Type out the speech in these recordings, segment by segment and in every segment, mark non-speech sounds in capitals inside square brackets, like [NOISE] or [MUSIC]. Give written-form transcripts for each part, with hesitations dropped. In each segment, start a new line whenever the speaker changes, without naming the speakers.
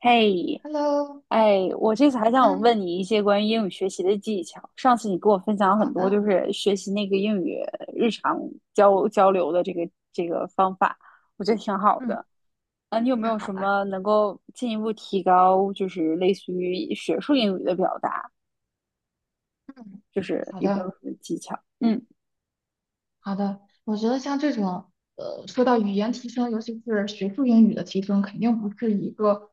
嘿，
Hello。
哎，我这次还想
嗯。
问你一些关于英语学习的技巧。上次你给我分享了
好
很多，就
的。
是学习那个英语日常交流的这个方法，我觉得挺好
嗯。
的。啊，你有没
太
有
好
什
了。
么能够进一步提高，就是类似于学术英语的表达，
嗯。
就是
好
有没
的。
有什么技巧？嗯
好的。我觉得像这种，说到语言提升，尤其是学术英语的提升，肯定不是一个，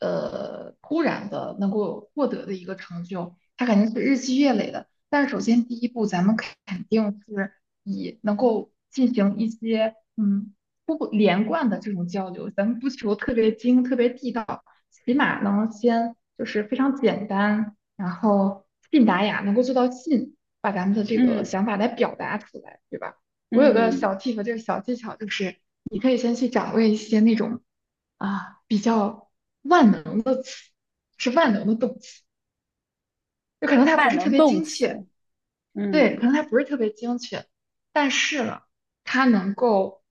突然的能够获得的一个成就，它肯定是日积月累的。但是首先第一步，咱们肯定是以能够进行一些，不连贯的这种交流，咱们不求特别精、特别地道。起码能先就是非常简单，然后信达雅能够做到信，把咱们的这个
嗯
想法来表达出来，对吧？我有个
嗯，
小 tip，这个小技巧就是，你可以先去掌握一些那种啊比较万能的词，是万能的动词，就可能它不
万
是特
能
别
动
精确，
词。
对，可
嗯
能它不是特别精确，但是呢，它能够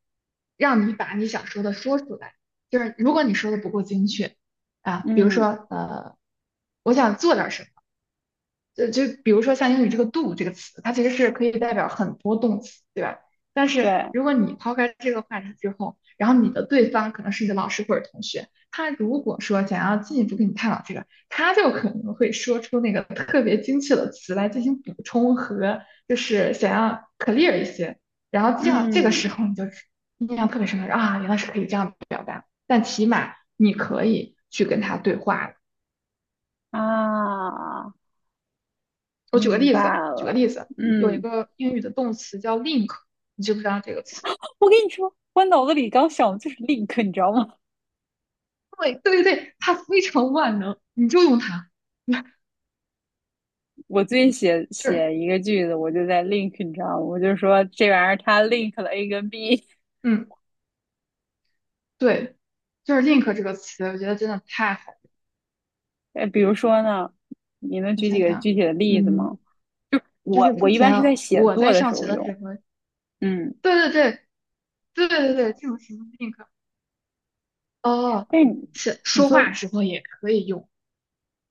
让你把你想说的说出来。就是如果你说的不够精确啊，比如
嗯，
说我想做点什么。就比如说像英语这个 do 这个词，它其实是可以代表很多动词，对吧？但是
对，
如果你抛开这个话题之后，然后你的对方可能是你的老师或者同学，他如果说想要进一步跟你探讨这个，他就可能会说出那个特别精确的词来进行补充和就是想要 clear 一些，然后这样这个时
嗯
候你就印象特别深刻啊，原来是可以这样表达，但起码你可以去跟他对话。
啊，
我举个
明白
例子，举个例
了。
子。有一
嗯。
个英语的动词叫 link，你知不知道这个词？
我跟你说，我脑子里刚想的就是 link，你知道吗？
对对对，它非常万能，你就用它。[LAUGHS]
[LAUGHS] 我最近写
就是，
写一个句子，我就在 link，你知道吗？我就说这玩意儿它 link 了 A 跟 B。
嗯，对，就是 link 这个词，我觉得真的太好了。
[LAUGHS] 比如说呢，你能
我
举几
想
个
想，
具体的例子
嗯，
吗？
就
我
是
我
之
一般是
前
在写
我
作
在
的
上
时
学
候
的时
用。
候，
嗯，
对对对，对对对，这种什么 link。哦，
但是你
是
你
说
说
话时候也可以用。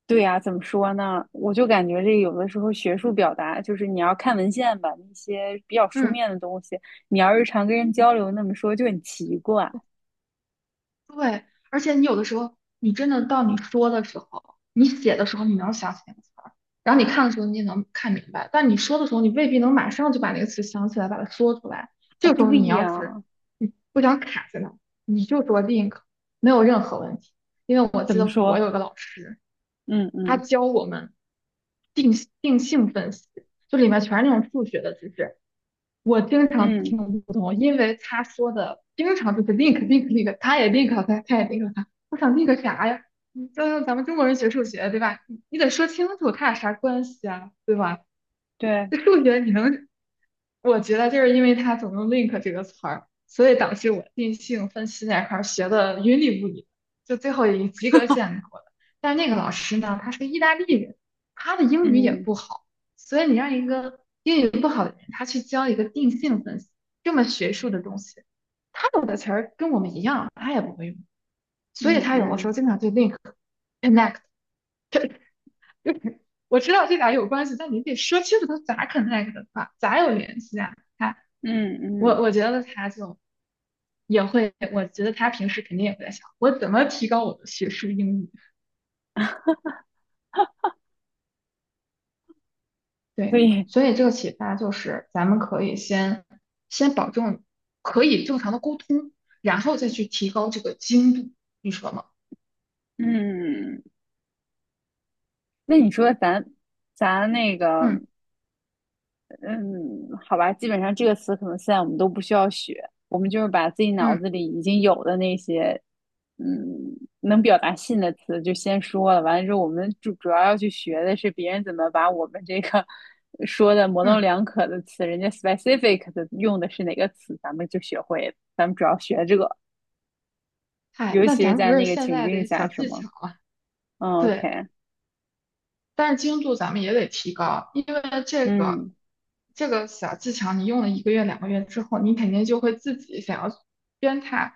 对呀、怎么说呢？我就感觉这有的时候学术表达就是你要看文献吧，那些比较书
嗯，
面的东西，你要日常跟人交流那么说就很奇怪啊。
对，而且你有的时候，你真的到你说的时候，你写的时候，你能想起那个词儿，然后你看的时候，你也能看明白，但你说的时候，你未必能马上就把那个词想起来，把它说出来。这个时候，
对
你要是
呀、
你不想卡在那儿，你就说 link，没有任何问题。因为我
怎
记
么
得我
说？
有个老师，
嗯
他
嗯。
教我们定定性分析，就里面全是那种数学的知识，我经常
嗯，
听不懂，因为他说的经常就是 link link link，他也 link 了他，他也 link 了他。我想 link 啥呀？你这咱们中国人学数学对吧？你得说清楚他俩啥关系啊，对吧？
对，
这数学你能，我觉得就是因为他总用 link 这个词儿，所以导致我定性分析那块儿学的云里雾里，就最后以及格线过的。但那个老师呢，他是意大利人，他的英语也
嗯
不好，所以你让一个英语不好的人，他去教一个定性分析这么学术的东西，他懂的词儿跟我们一样，他也不会用，所以
嗯
他有的时候
嗯
经常对 link、connect。 [LAUGHS] 我知道这俩有关系，但你得说清楚它咋 connect 的吧，咋有联系啊？他，
嗯
我
嗯，
我觉得他就也会，我觉得他平时肯定也会在想，我怎么提高我的学术英语？
所
对，
以
所以这个启发就是，咱们可以先保证可以正常的沟通，然后再去提高这个精度，你说吗？
嗯，那你说咱那个
嗯，
嗯，好吧。基本上这个词可能现在我们都不需要学，我们就是把自己脑
嗯，
子里已经有的那些嗯能表达信的词就先说了，完了之后我们主要去学的是别人怎么把我们这个说的模棱
嗯。
两可的词，人家 specific 的用的是哪个词，咱们就学会了，咱们主要学这个。
嗨，
尤
那
其是
咱们不
在
是
那个
现
情
在
境
的
下，
小
是
技
吗？
巧了？
嗯
对。
，OK，
但是精度咱们也得提高，因为这个
嗯，
这个小技巧，你用了1个月、2个月之后，你肯定就会自己想要鞭挞，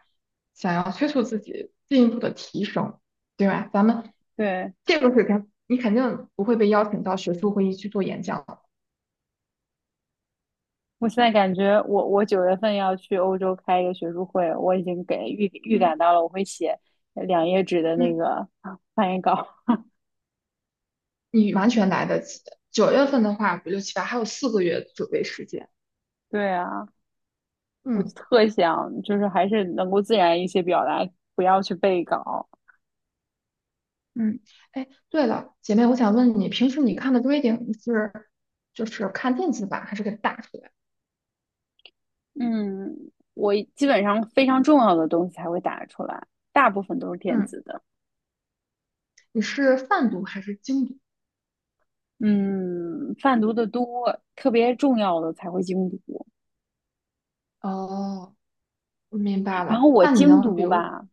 想要催促自己进一步的提升，对吧？咱们
对，
这个水平，你肯定不会被邀请到学术会议去做演讲了。
我现在感觉我九月份要去欧洲开一个学术会，我已经给预预
嗯，
感到了，我会写两页纸的那
嗯。
个啊翻译稿。
你完全来得及9月份的话，5、6、7、8还有4个月准备时间，
[LAUGHS] 对啊，我就
嗯。
特想就是还是能够自然一些表达，不要去背稿。
嗯，哎，对了，姐妹，我想问你，平时你看的 reading 是就是看电子版还是给打出来？
嗯，我基本上非常重要的东西才会打出来，大部分都是电
嗯。
子的。
你是泛读还是精读？
嗯，泛读的多，特别重要的才会精读。
哦，明白
然
了。
后我
那你
精
能比
读
如，
吧，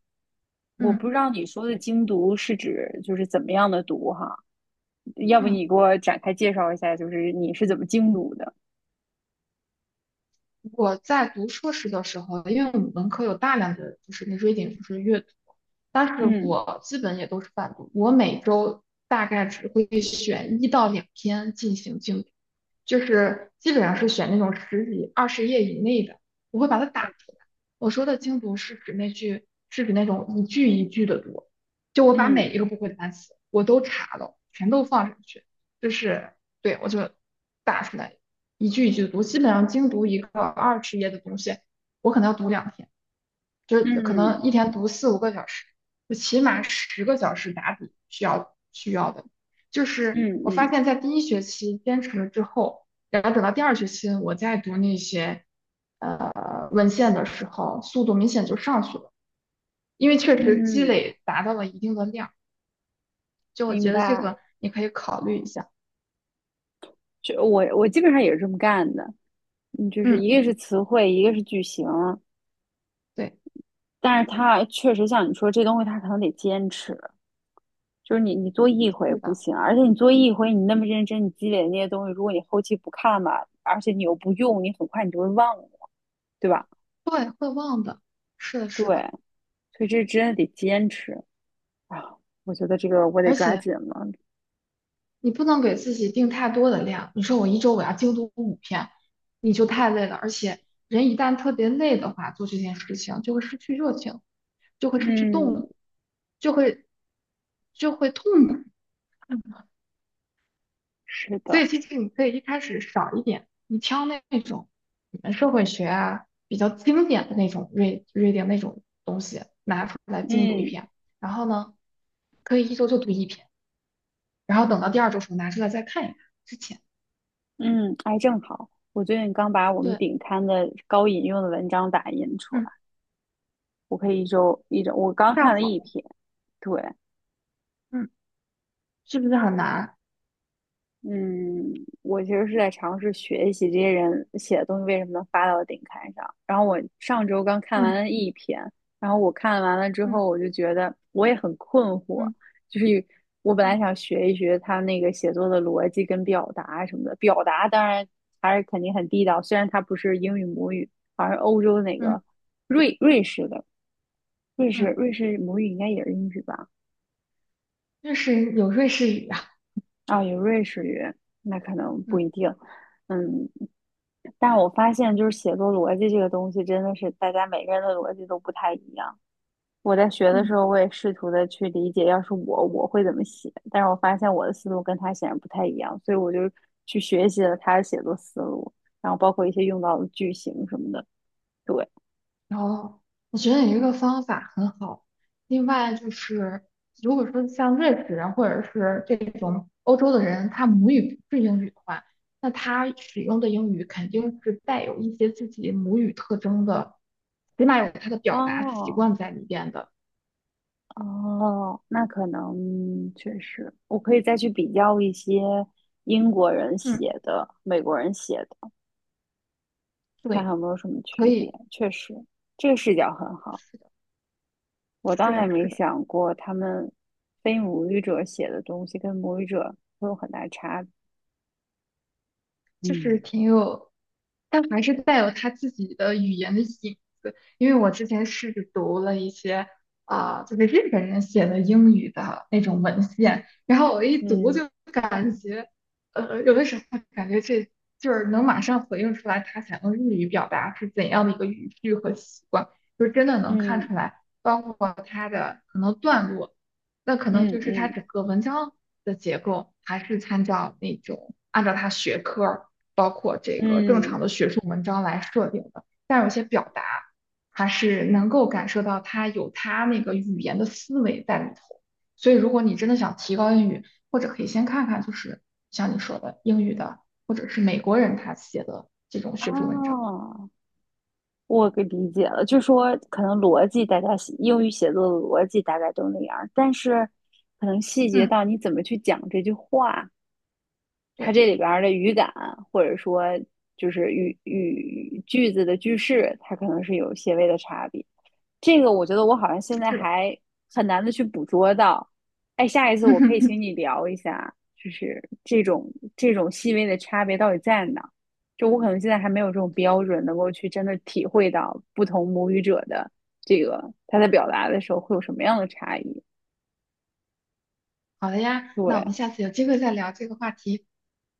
我
嗯，
不知道你说的精读是指就是怎么样的读哈，要不
嗯。
你给我展开介绍一下，就是你是怎么精读的？
我在读硕士的时候，因为我们文科有大量的就是那 reading，就是阅读，但是
嗯
我基本也都是泛读，我每周大概只会选一到两篇进行精读，就是基本上是选那种十几、二十页以内的，我会把它打出来。我说的精读是指那句，是指那种一句一句的读，就我把每
嗯
一个不会的单词我都查了，全都放上去，就是，对，我就打出来。一句一句读，基本上精读一个二十页的东西，我可能要读2天，就是可能
嗯
一天读4、5个小时，就起码10个小时打底需要的。就是
嗯
我发
嗯
现，在第一学期坚持了之后，然后等到第二学期我再读那些文献的时候，速度明显就上去了，因为确实积
嗯，
累达到了一定的量。就我
明
觉得这
白。
个你可以考虑一下。
就我基本上也是这么干的，嗯，就是
嗯，
一个是词汇，一个是句型，
对，
但是它确实像你说这东西，它可能得坚持。就是你，你做一回
是
不
的，
行，而且你做一回，你那么认真，你积累的那些东西，如果你后期不看吧，而且你又不用，你很快你就会忘了。对吧？
对，会忘的，是的，
对，
是的。
所以这真的得坚持啊！我觉得这个我得
而
抓
且。
紧了。
你不能给自己定太多的量。你说我一周我要精读五篇，你就太累了。而且人一旦特别累的话，做这件事情就会失去热情，就会失去动
嗯，
力，就会就会痛苦。
是
所
的，
以其实你可以一开始少一点，你挑那种你们社会学啊比较经典的那种 r e a reading 那种东西拿出来精读一
嗯
篇，然后呢，可以一周就读一篇，然后等到第二周时候拿出来再看一看之前。
嗯，哎，正好，我最近刚把我们
对。
顶刊的高引用的文章打印出来，
嗯。
我可以一周一周，我刚
太
看了
好
一
了，
篇，对，
嗯，是不是很难？
嗯，我其实是在尝试学习这些人写的东西为什么能发到顶刊上。然后我上周刚看完
嗯，
了一篇，然后我看完了之
嗯，
后，我就觉得我也很困惑，
嗯，
就是我本来
嗯，
想学一学他那个写作的逻辑跟表达什么的，表达当然还是肯定很地道，虽然他不是英语母语，好像是欧洲哪
嗯，
个瑞士的，瑞士
嗯。
瑞士母语应该也是英语吧。
瑞士有瑞士语啊，
啊，有瑞士语，那可能不
嗯，
一定。嗯，但我发现就是写作逻辑这个东西，真的是大家每个人的逻辑都不太一样。我在学的时
嗯，
候，我也试图的去理解，要是我会怎么写，但是我发现我的思路跟他显然不太一样，所以我就去学习了他的写作思路，然后包括一些用到的句型什么的。对，
然后我觉得你这个方法很好。另外就是，如果说像瑞士人或者是这种欧洲的人，他母语不是英语的话，那他使用的英语肯定是带有一些自己母语特征的，起码有他的表达习
哦
惯在里边的。
哦，那可能确实，我可以再去比较一些英国人
嗯，
写的、美国人写的。看
对，
看有没有什么
可
区别。
以，
确实，这个视角很好，
是的，
我倒
是
还
的，是
没
的。
想过他们非母语者写的东西跟母语者会有很大差别。
就是
嗯，
挺有，但还是带有他自己的语言的影子。因为我之前试着读了一些啊、就是日本人写的英语的那种文献，然后我一读
嗯
就感觉，有的时候感觉这就是能马上回应出来他想用日语表达是怎样的一个语句和习惯，就是真的能看出
嗯
来，包括他的可能段落。那可能
嗯
就是它
嗯
整个文章的结构还是参照那种按照它学科儿，包括这个正常的
嗯，
学术文章来设定的，但有些表达还是能够感受到它有它那个语言的思维在里头。所以，如果你真的想提高英语，或者可以先看看，就是像你说的英语的，或者是美国人他写的这种
啊，
学术文章。
我给理解了，就说可能逻辑大家写英语写作的逻辑大概都那样儿，但是可能细节
嗯，
到你怎么去讲这句话，它
对，
这里边儿的语感，或者说就是语句子的句式，它可能是有些微的差别。这个我觉得我好像现在
是的。
还很难的去捕捉到。哎，下一次我可以请
[LAUGHS]
你聊一下，就是这种细微的差别到底在哪？就我可能现在还没有这种标准，能够去真的体会到不同母语者的这个他在表达的时候会有什么样的差异。
好的呀，那
对，
我们下次有机会再聊这个话题。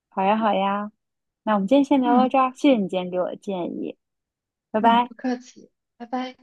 好呀，好呀，那我们今天先聊到
嗯。
这儿，谢谢你今天给我的建议，拜
嗯，
拜。
不客气，拜拜。